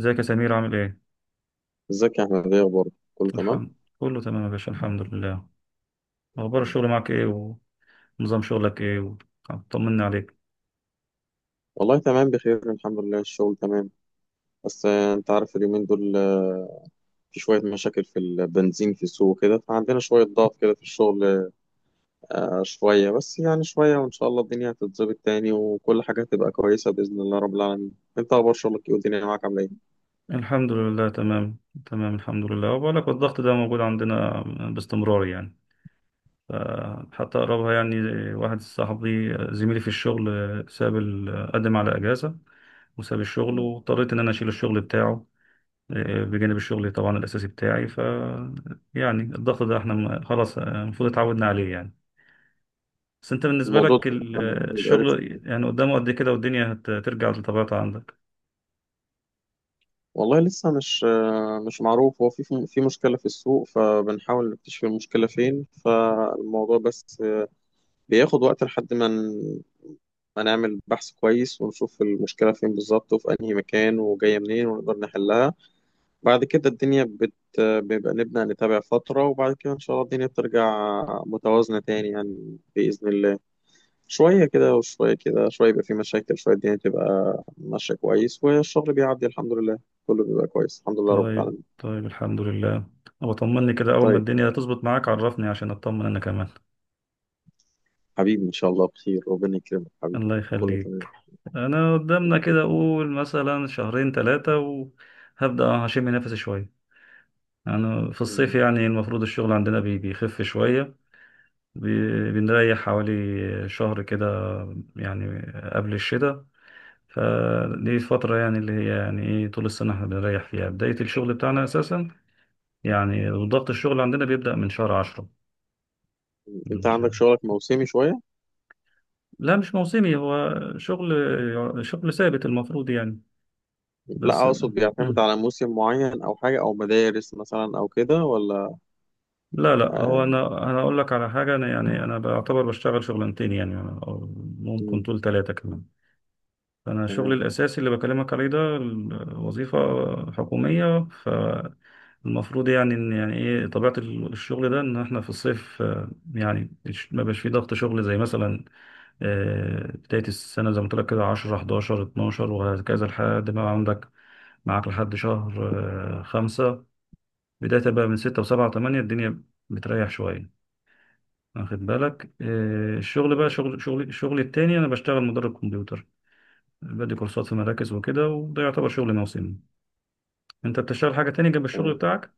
ازيك يا سمير عامل ايه؟ ازيك يا احمد، ايه اخبارك؟ كله تمام؟ الحمد كله تمام يا باشا، الحمد لله. اخبار الشغل معاك ايه ونظام شغلك ايه طمنا عليك. والله تمام بخير، الحمد لله. الشغل تمام. بس انت عارف اليومين دول، في شوية مشاكل في البنزين في السوق كده، فعندنا شوية ضغط كده في الشغل. شوية بس، يعني شوية، وان شاء الله الدنيا هتتظبط تاني، وكل حاجة هتبقى كويسة بإذن الله رب العالمين. انت اخبار شغلك ايه؟ والدنيا معاك عاملة ايه؟ الحمد لله تمام، تمام الحمد لله. وبقول لك الضغط ده موجود عندنا باستمرار يعني، ف- حتى قربها يعني. واحد صاحبي زميلي في الشغل ساب قدم على اجازة وساب الشغل، مم. واضطريت ان انا اشيل الشغل بتاعه. إيه، بجانب الشغل طبعا الاساسي بتاعي، ف يعني الضغط ده احنا خلاص المفروض اتعودنا عليه يعني. بس انت بالنسبة الموضوع لك ده بيبقى رخم. الشغل يعني قدامه قد كده، والدنيا هترجع لطبيعتها عندك. والله لسه مش معروف. هو في مشكلة في السوق، فبنحاول نكتشف المشكلة فين. فالموضوع بس بياخد وقت لحد ما هنعمل بحث كويس ونشوف المشكلة فين بالظبط، وفي أنهي مكان، وجاية منين، ونقدر نحلها. بعد كده الدنيا بيبقى نبدأ نتابع فترة، وبعد كده إن شاء الله الدنيا بترجع متوازنة تاني، يعني بإذن الله. شوية كده وشوية كده، شوية يبقى في مشاكل، شوية الدنيا تبقى ماشية كويس والشغل بيعدي الحمد لله. كله بيبقى كويس الحمد لله رب طيب العالمين. الحمد لله. أبقى طمني كده أول ما طيب. الدنيا تظبط معاك، عرفني عشان أطمن أنا كمان. حبيبي إن شاء الله بخير. ربنا يكرمك حبيبي. الله كله يخليك. تمام. أنا قدامنا كده أقول مثلا شهرين ثلاثة وهبدأ هشم نفسي شوية. أنا في الصيف م- يعني المفروض الشغل عندنا بيخف شوية، بنريح حوالي شهر كده يعني، قبل الشتاء. فدي فترة يعني اللي هي يعني ايه طول السنة احنا بنريح فيها، بداية الشغل بتاعنا اساسا يعني ضغط الشغل عندنا بيبدأ من شهر عشرة، أنت من عندك شهر. شغلك موسمي شوية؟ لا، مش موسمي، هو شغل ثابت المفروض يعني، لا، بس. اقصد بيعتمد مم. على موسم معين او حاجه او مدارس مثلا او كده ولا؟ لا لا، هو آه. انا، اقول لك على حاجة. انا يعني انا بعتبر بشتغل شغلانتين يعني، أو ممكن مم، طول ثلاثة كمان. فأنا شغلي تمام. الأساسي اللي بكلمك عليه ده وظيفة حكومية. فالمفروض يعني إن يعني إيه طبيعة الشغل ده إن إحنا في الصيف، آه، يعني ما بقاش فيه ضغط شغل زي مثلا بداية السنة زي ما قلت لك كده 10 11 12 وهكذا، لحد ما عندك معاك لحد شهر آه، خمسة. بداية بقى من ستة وسبعة وثمانية الدنيا بتريح شوية، واخد بالك؟ آه، الشغل بقى، مم، شغل، الشغل التاني، أنا بشتغل مدرب كمبيوتر، بدي كورسات في مراكز وكده، وده يعتبر شغل موسمي. انت بتشتغل حاجة تانية جنب الشغل تمام. بتاعك؟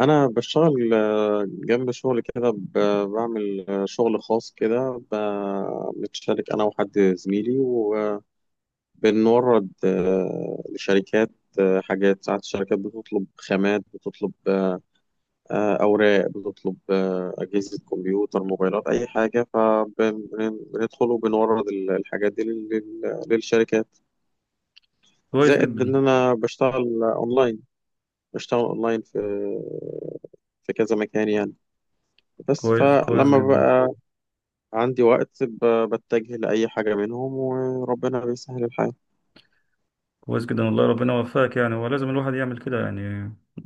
انا بشتغل، جنب شغل كده بعمل شغل خاص كده، بنتشارك انا وحد زميلي، وبنورد لشركات حاجات. ساعات الشركات بتطلب خامات، بتطلب أوراق، بتطلب أجهزة كمبيوتر، موبايلات، أي حاجة، فبندخل وبنورد الحاجات دي للشركات. كويس زائد ان جدا. انا بشتغل اونلاين، بشتغل اونلاين في في كذا مكان يعني. بس كويس، كويس فلما جدا. بقى عندي وقت بتجه لأي حاجة منهم، وربنا بيسهل الحال. كويس جدا والله، ربنا يوفقك. يعني هو لازم الواحد يعمل كده يعني.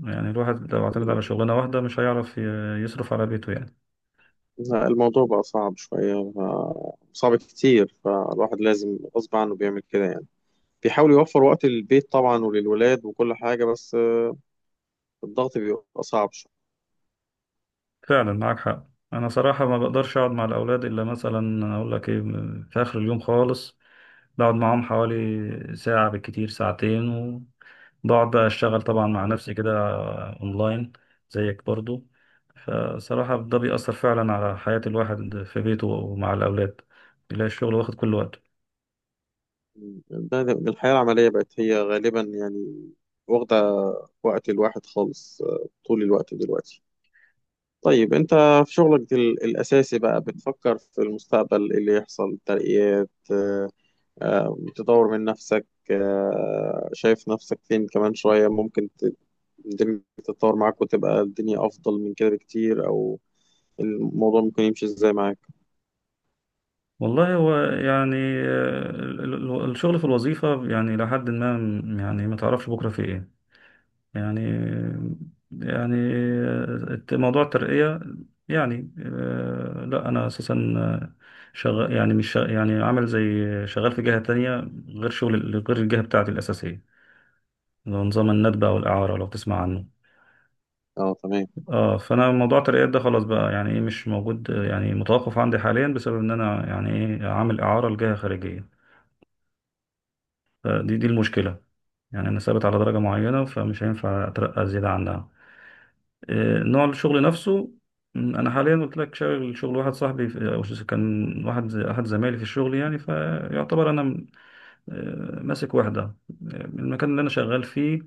يعني الواحد لو اعتمد على شغلانة واحدة مش هيعرف يصرف على بيته يعني. لا، الموضوع بقى صعب شوية، صعب كتير، فالواحد لازم غصب عنه بيعمل كده يعني. بيحاول يوفر وقت للبيت طبعا وللولاد وكل حاجة، بس الضغط بيبقى صعب. فعلا معاك حق. انا صراحة ما بقدرش اقعد مع الاولاد الا مثلا اقول لك ايه، في اخر اليوم خالص، بقعد معاهم حوالي ساعة بالكتير ساعتين، وبقعد بقى أشتغل طبعا مع نفسي كده، أونلاين، زيك برضو. فصراحة ده بيأثر فعلا على حياة الواحد في بيته ومع الأولاد، بيلاقي الشغل واخد كل وقته. الحياة العملية بقت هي غالبا يعني واخدة وقت الواحد خالص، طول الوقت دلوقتي. طيب انت في شغلك الأساسي بقى بتفكر في المستقبل، إيه اللي يحصل؟ ترقيات، تطور من نفسك؟ شايف نفسك فين كمان شوية؟ ممكن الدنيا تتطور معاك وتبقى الدنيا أفضل من كده بكتير، أو الموضوع ممكن يمشي ازاي معاك؟ والله هو يعني آه، الشغل في الوظيفة يعني لحد ما يعني ما تعرفش بكرة في إيه يعني. يعني موضوع الترقية، يعني آه، لا أنا أساسا آه، شغال يعني مش شغ- يعني عامل زي، شغال في جهة تانية غير شغل، غير الجهة بتاعتي الأساسية، اللي هو نظام الندبة أو الإعارة لو تسمع عنه. اه، تمام. اه، فأنا موضوع الترقيات ده خلاص بقى يعني إيه مش موجود، آه، يعني متوقف عندي حاليا بسبب إن أنا يعني إيه عامل إعارة لجهة خارجية. دي المشكلة يعني. أنا ثابت على درجة معينة فمش هينفع أترقى زيادة عنها. آه، نوع الشغل نفسه، م، انا حاليا قلت لك شغل، واحد صاحبي آه، كان واحد احد زمايلي في الشغل يعني، فيعتبر انا م، آه، ماسك واحده آه، المكان اللي انا شغال فيه.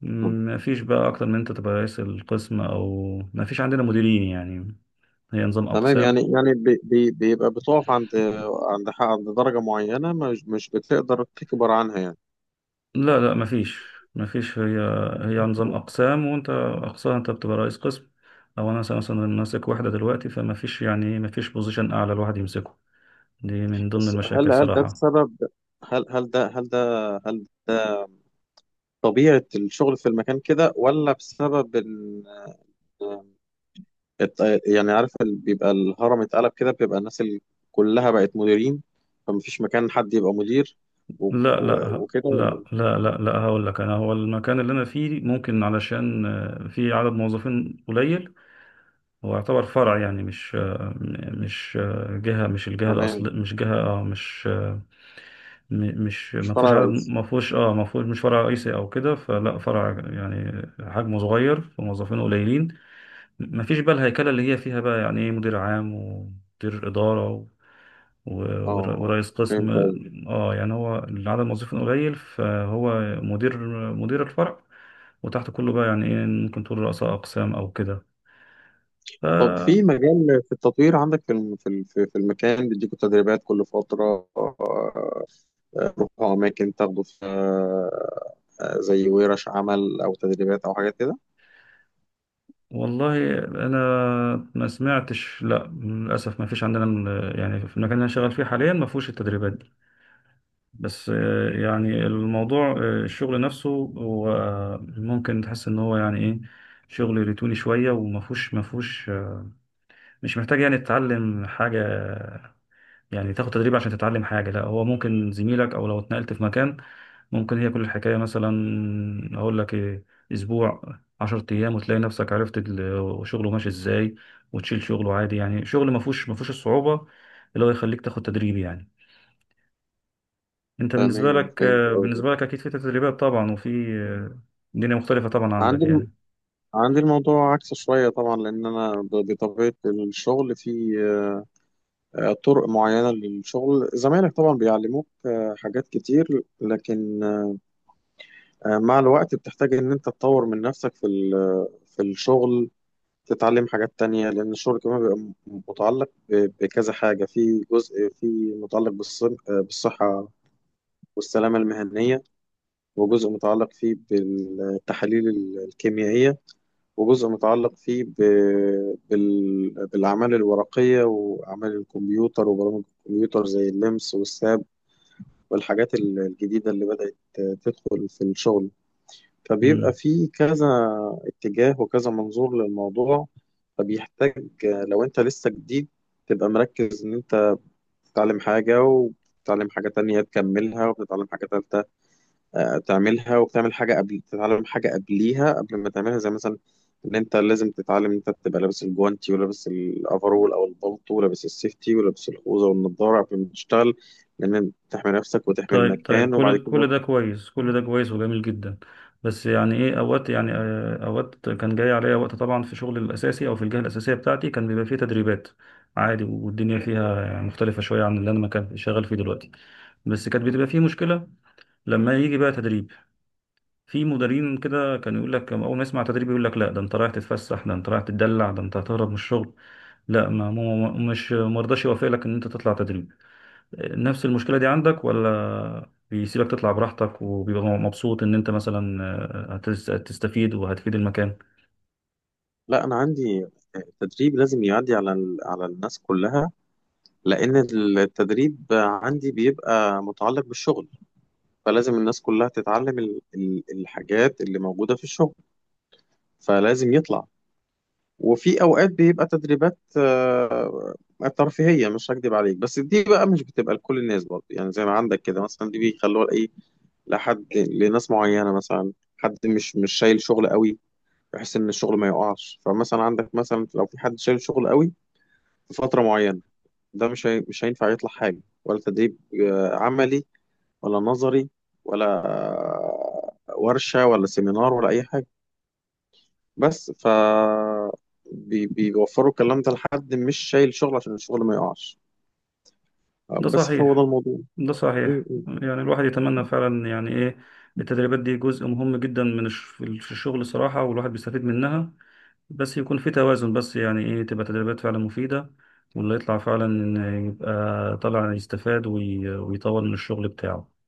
ما فيش بقى اكتر من انت تبقى رئيس القسم، او ما فيش عندنا مديرين يعني، هي نظام تمام، يعني اقسام. يعني بيبقى بتقف عند عند درجة معينة، مش بتقدر تكبر عنها يعني. لا ما فيش، هي نظام اقسام، وانت اقسام انت بتبقى رئيس قسم، او انا مثلا، مثلاً، ماسك واحده دلوقتي، فما فيش يعني، ما فيش بوزيشن اعلى الواحد يمسكه. دي من ضمن بس هل المشاكل هل ده صراحه. بسبب؟ هل هل ده هل ده هل ده طبيعة الشغل في المكان كده، ولا بسبب إن الت- يعني عارف بيبقى الهرم اتقلب كده، بيبقى الناس كلها بقت مديرين، فمفيش مكان حد يبقى مدير؟ لا لا ه- وكده لا ولا لا إيه؟ لا لا هقول لك انا، هو المكان اللي انا فيه ممكن علشان آه، في عدد موظفين قليل، هو يعتبر فرع يعني، مش آه، م- مش آه، جهة، مش الجهة تمام. الأصل مش جهة اه مش آه، م- مش مش ما فرع فيهوش عدد، رئيسي. ما فيهوش، مش فرع رئيسي او كده، فلا فرع يعني حجمه صغير، فموظفين قليلين. ما فيش بقى الهيكلة اللي هي فيها بقى يعني ايه مدير عام ومدير إدارة و- اه، ورئيس قسم. فهمت. اه يعني هو العدد الموظفين قليل، فهو مدير، الفرع، وتحت كله بقى يعني ايه ممكن تقول رؤساء اقسام او كده، ف. طب، في التطوير عندك؟ في الم- في ال- في في المكان بيديكوا تدريبات كل فترة؟ روحوا أماكن تاخدوا في زي ورش عمل أو تدريبات أو حاجات كده؟ والله انا ما سمعتش، لا للاسف ما فيش عندنا يعني في المكان اللي انا شغال فيه حاليا ما فيهوش التدريبات دي. بس آه، يعني الموضوع آه، الشغل نفسه هو ممكن تحس ان هو يعني ايه شغل روتيني شويه، وما فيهوش مش محتاج يعني تتعلم حاجه، يعني تاخد تدريب عشان تتعلم حاجة. لا، هو ممكن زميلك أو لو اتنقلت في مكان، ممكن هي كل الحكاية مثلا أقول لك إيه، أسبوع، عشرة أيام، وتلاقي نفسك عرفت شغله ماشي إزاي، وتشيل شغله عادي يعني. شغل ما فيهوش الصعوبة اللي هو يخليك تاخد تدريب يعني. أنت بالنسبة تمام لك فهمت آه، قصدك. بالنسبة لك أكيد في تدريبات طبعا، وفي آه، دنيا مختلفة طبعا عندي عندك الم- يعني. عندي الموضوع عكس شوية طبعا، لأن أنا بطبيعة الشغل في طرق معينة للشغل. زمايلك طبعا بيعلموك حاجات كتير، لكن مع الوقت بتحتاج إن أنت تطور من نفسك في في الشغل، تتعلم حاجات تانية. لأن الشغل كمان بيبقى متعلق بكذا حاجة. في جزء في متعلق بالصحة والسلامة المهنية، وجزء متعلق فيه بالتحاليل الكيميائية، وجزء متعلق فيه بالأعمال الورقية وأعمال الكمبيوتر وبرامج الكمبيوتر، زي اللمس والساب والحاجات الجديدة اللي بدأت تدخل في الشغل. فبيبقى مم. في كذا اتجاه وكذا منظور للموضوع، فبيحتاج لو انت لسه جديد تبقى مركز ان انت بتتعلم حاجة وبتتعلم حاجة تانية تكملها وبتتعلم حاجة تالتة تعملها، وبتعمل حاجة قبل تتعلم حاجة قبليها قبل ما تعملها. زي مثلا ان انت لازم تتعلم ان انت تبقى لابس الجوانتي ولابس الافرول او البلطو ولابس السيفتي ولابس الخوذة والنضارة قبل ما تشتغل، لان تحمي نفسك وتحمي طيب المكان وبعد كل كده. ده كويس، وجميل جدا. بس يعني ايه اوقات يعني آه، اوقات كان جاي عليا وقت طبعا في شغل الاساسي او في الجهه الاساسيه بتاعتي كان بيبقى فيه تدريبات عادي، والدنيا فيها يعني مختلفه شويه عن اللي انا ما كان شغال فيه دلوقتي. بس كانت بتبقى فيه مشكله لما يجي بقى تدريب، في مديرين كده كان يقول لك اول ما يسمع تدريب يقول لك لا، ده انت رايح تتفسح، ده انت رايح تتدلع، ده انت هتهرب من الشغل، لا. ما مو- مش مرضاش يوافق لك ان انت تطلع تدريب. نفس المشكلة دي عندك، ولا بيسيبك تطلع براحتك وبيبقى مبسوط إن أنت مثلا آه، هتستفيد وهتفيد المكان؟ لا، انا عندي تدريب لازم يعدي على على الناس كلها، لان التدريب عندي بيبقى متعلق بالشغل، فلازم الناس كلها تتعلم الحاجات اللي موجودة في الشغل، فلازم يطلع. وفي اوقات بيبقى تدريبات ترفيهية، مش هكدب عليك، بس دي بقى مش بتبقى لكل الناس برضه، يعني زي ما عندك كده مثلا، دي بيخلوها ايه لحد لناس معينة. مثلا حد مش شايل شغل قوي، بحيث ان الشغل ما يقعش. فمثلا عندك مثلا لو في حد شايل شغل قوي في فترة معينة، ده مش هي... مش هينفع يطلع حاجة، ولا تدريب عملي، ولا نظري، ولا ورشة، ولا سيمينار، ولا أي حاجة. بس بيوفروا الكلام ده لحد مش شايل شغل عشان الشغل ما يقعش. ده بس هو ده صحيح، الموضوع ده صحيح م- م. يعني. الواحد يتمنى فعلا يعني إيه، التدريبات دي جزء مهم جدا في الشغل الصراحة، والواحد بيستفيد منها. بس يكون في توازن، بس يعني إيه تبقى تدريبات فعلا مفيدة، واللي يطلع فعلا إن يبقى طلع يستفاد ويطور من الشغل بتاعه.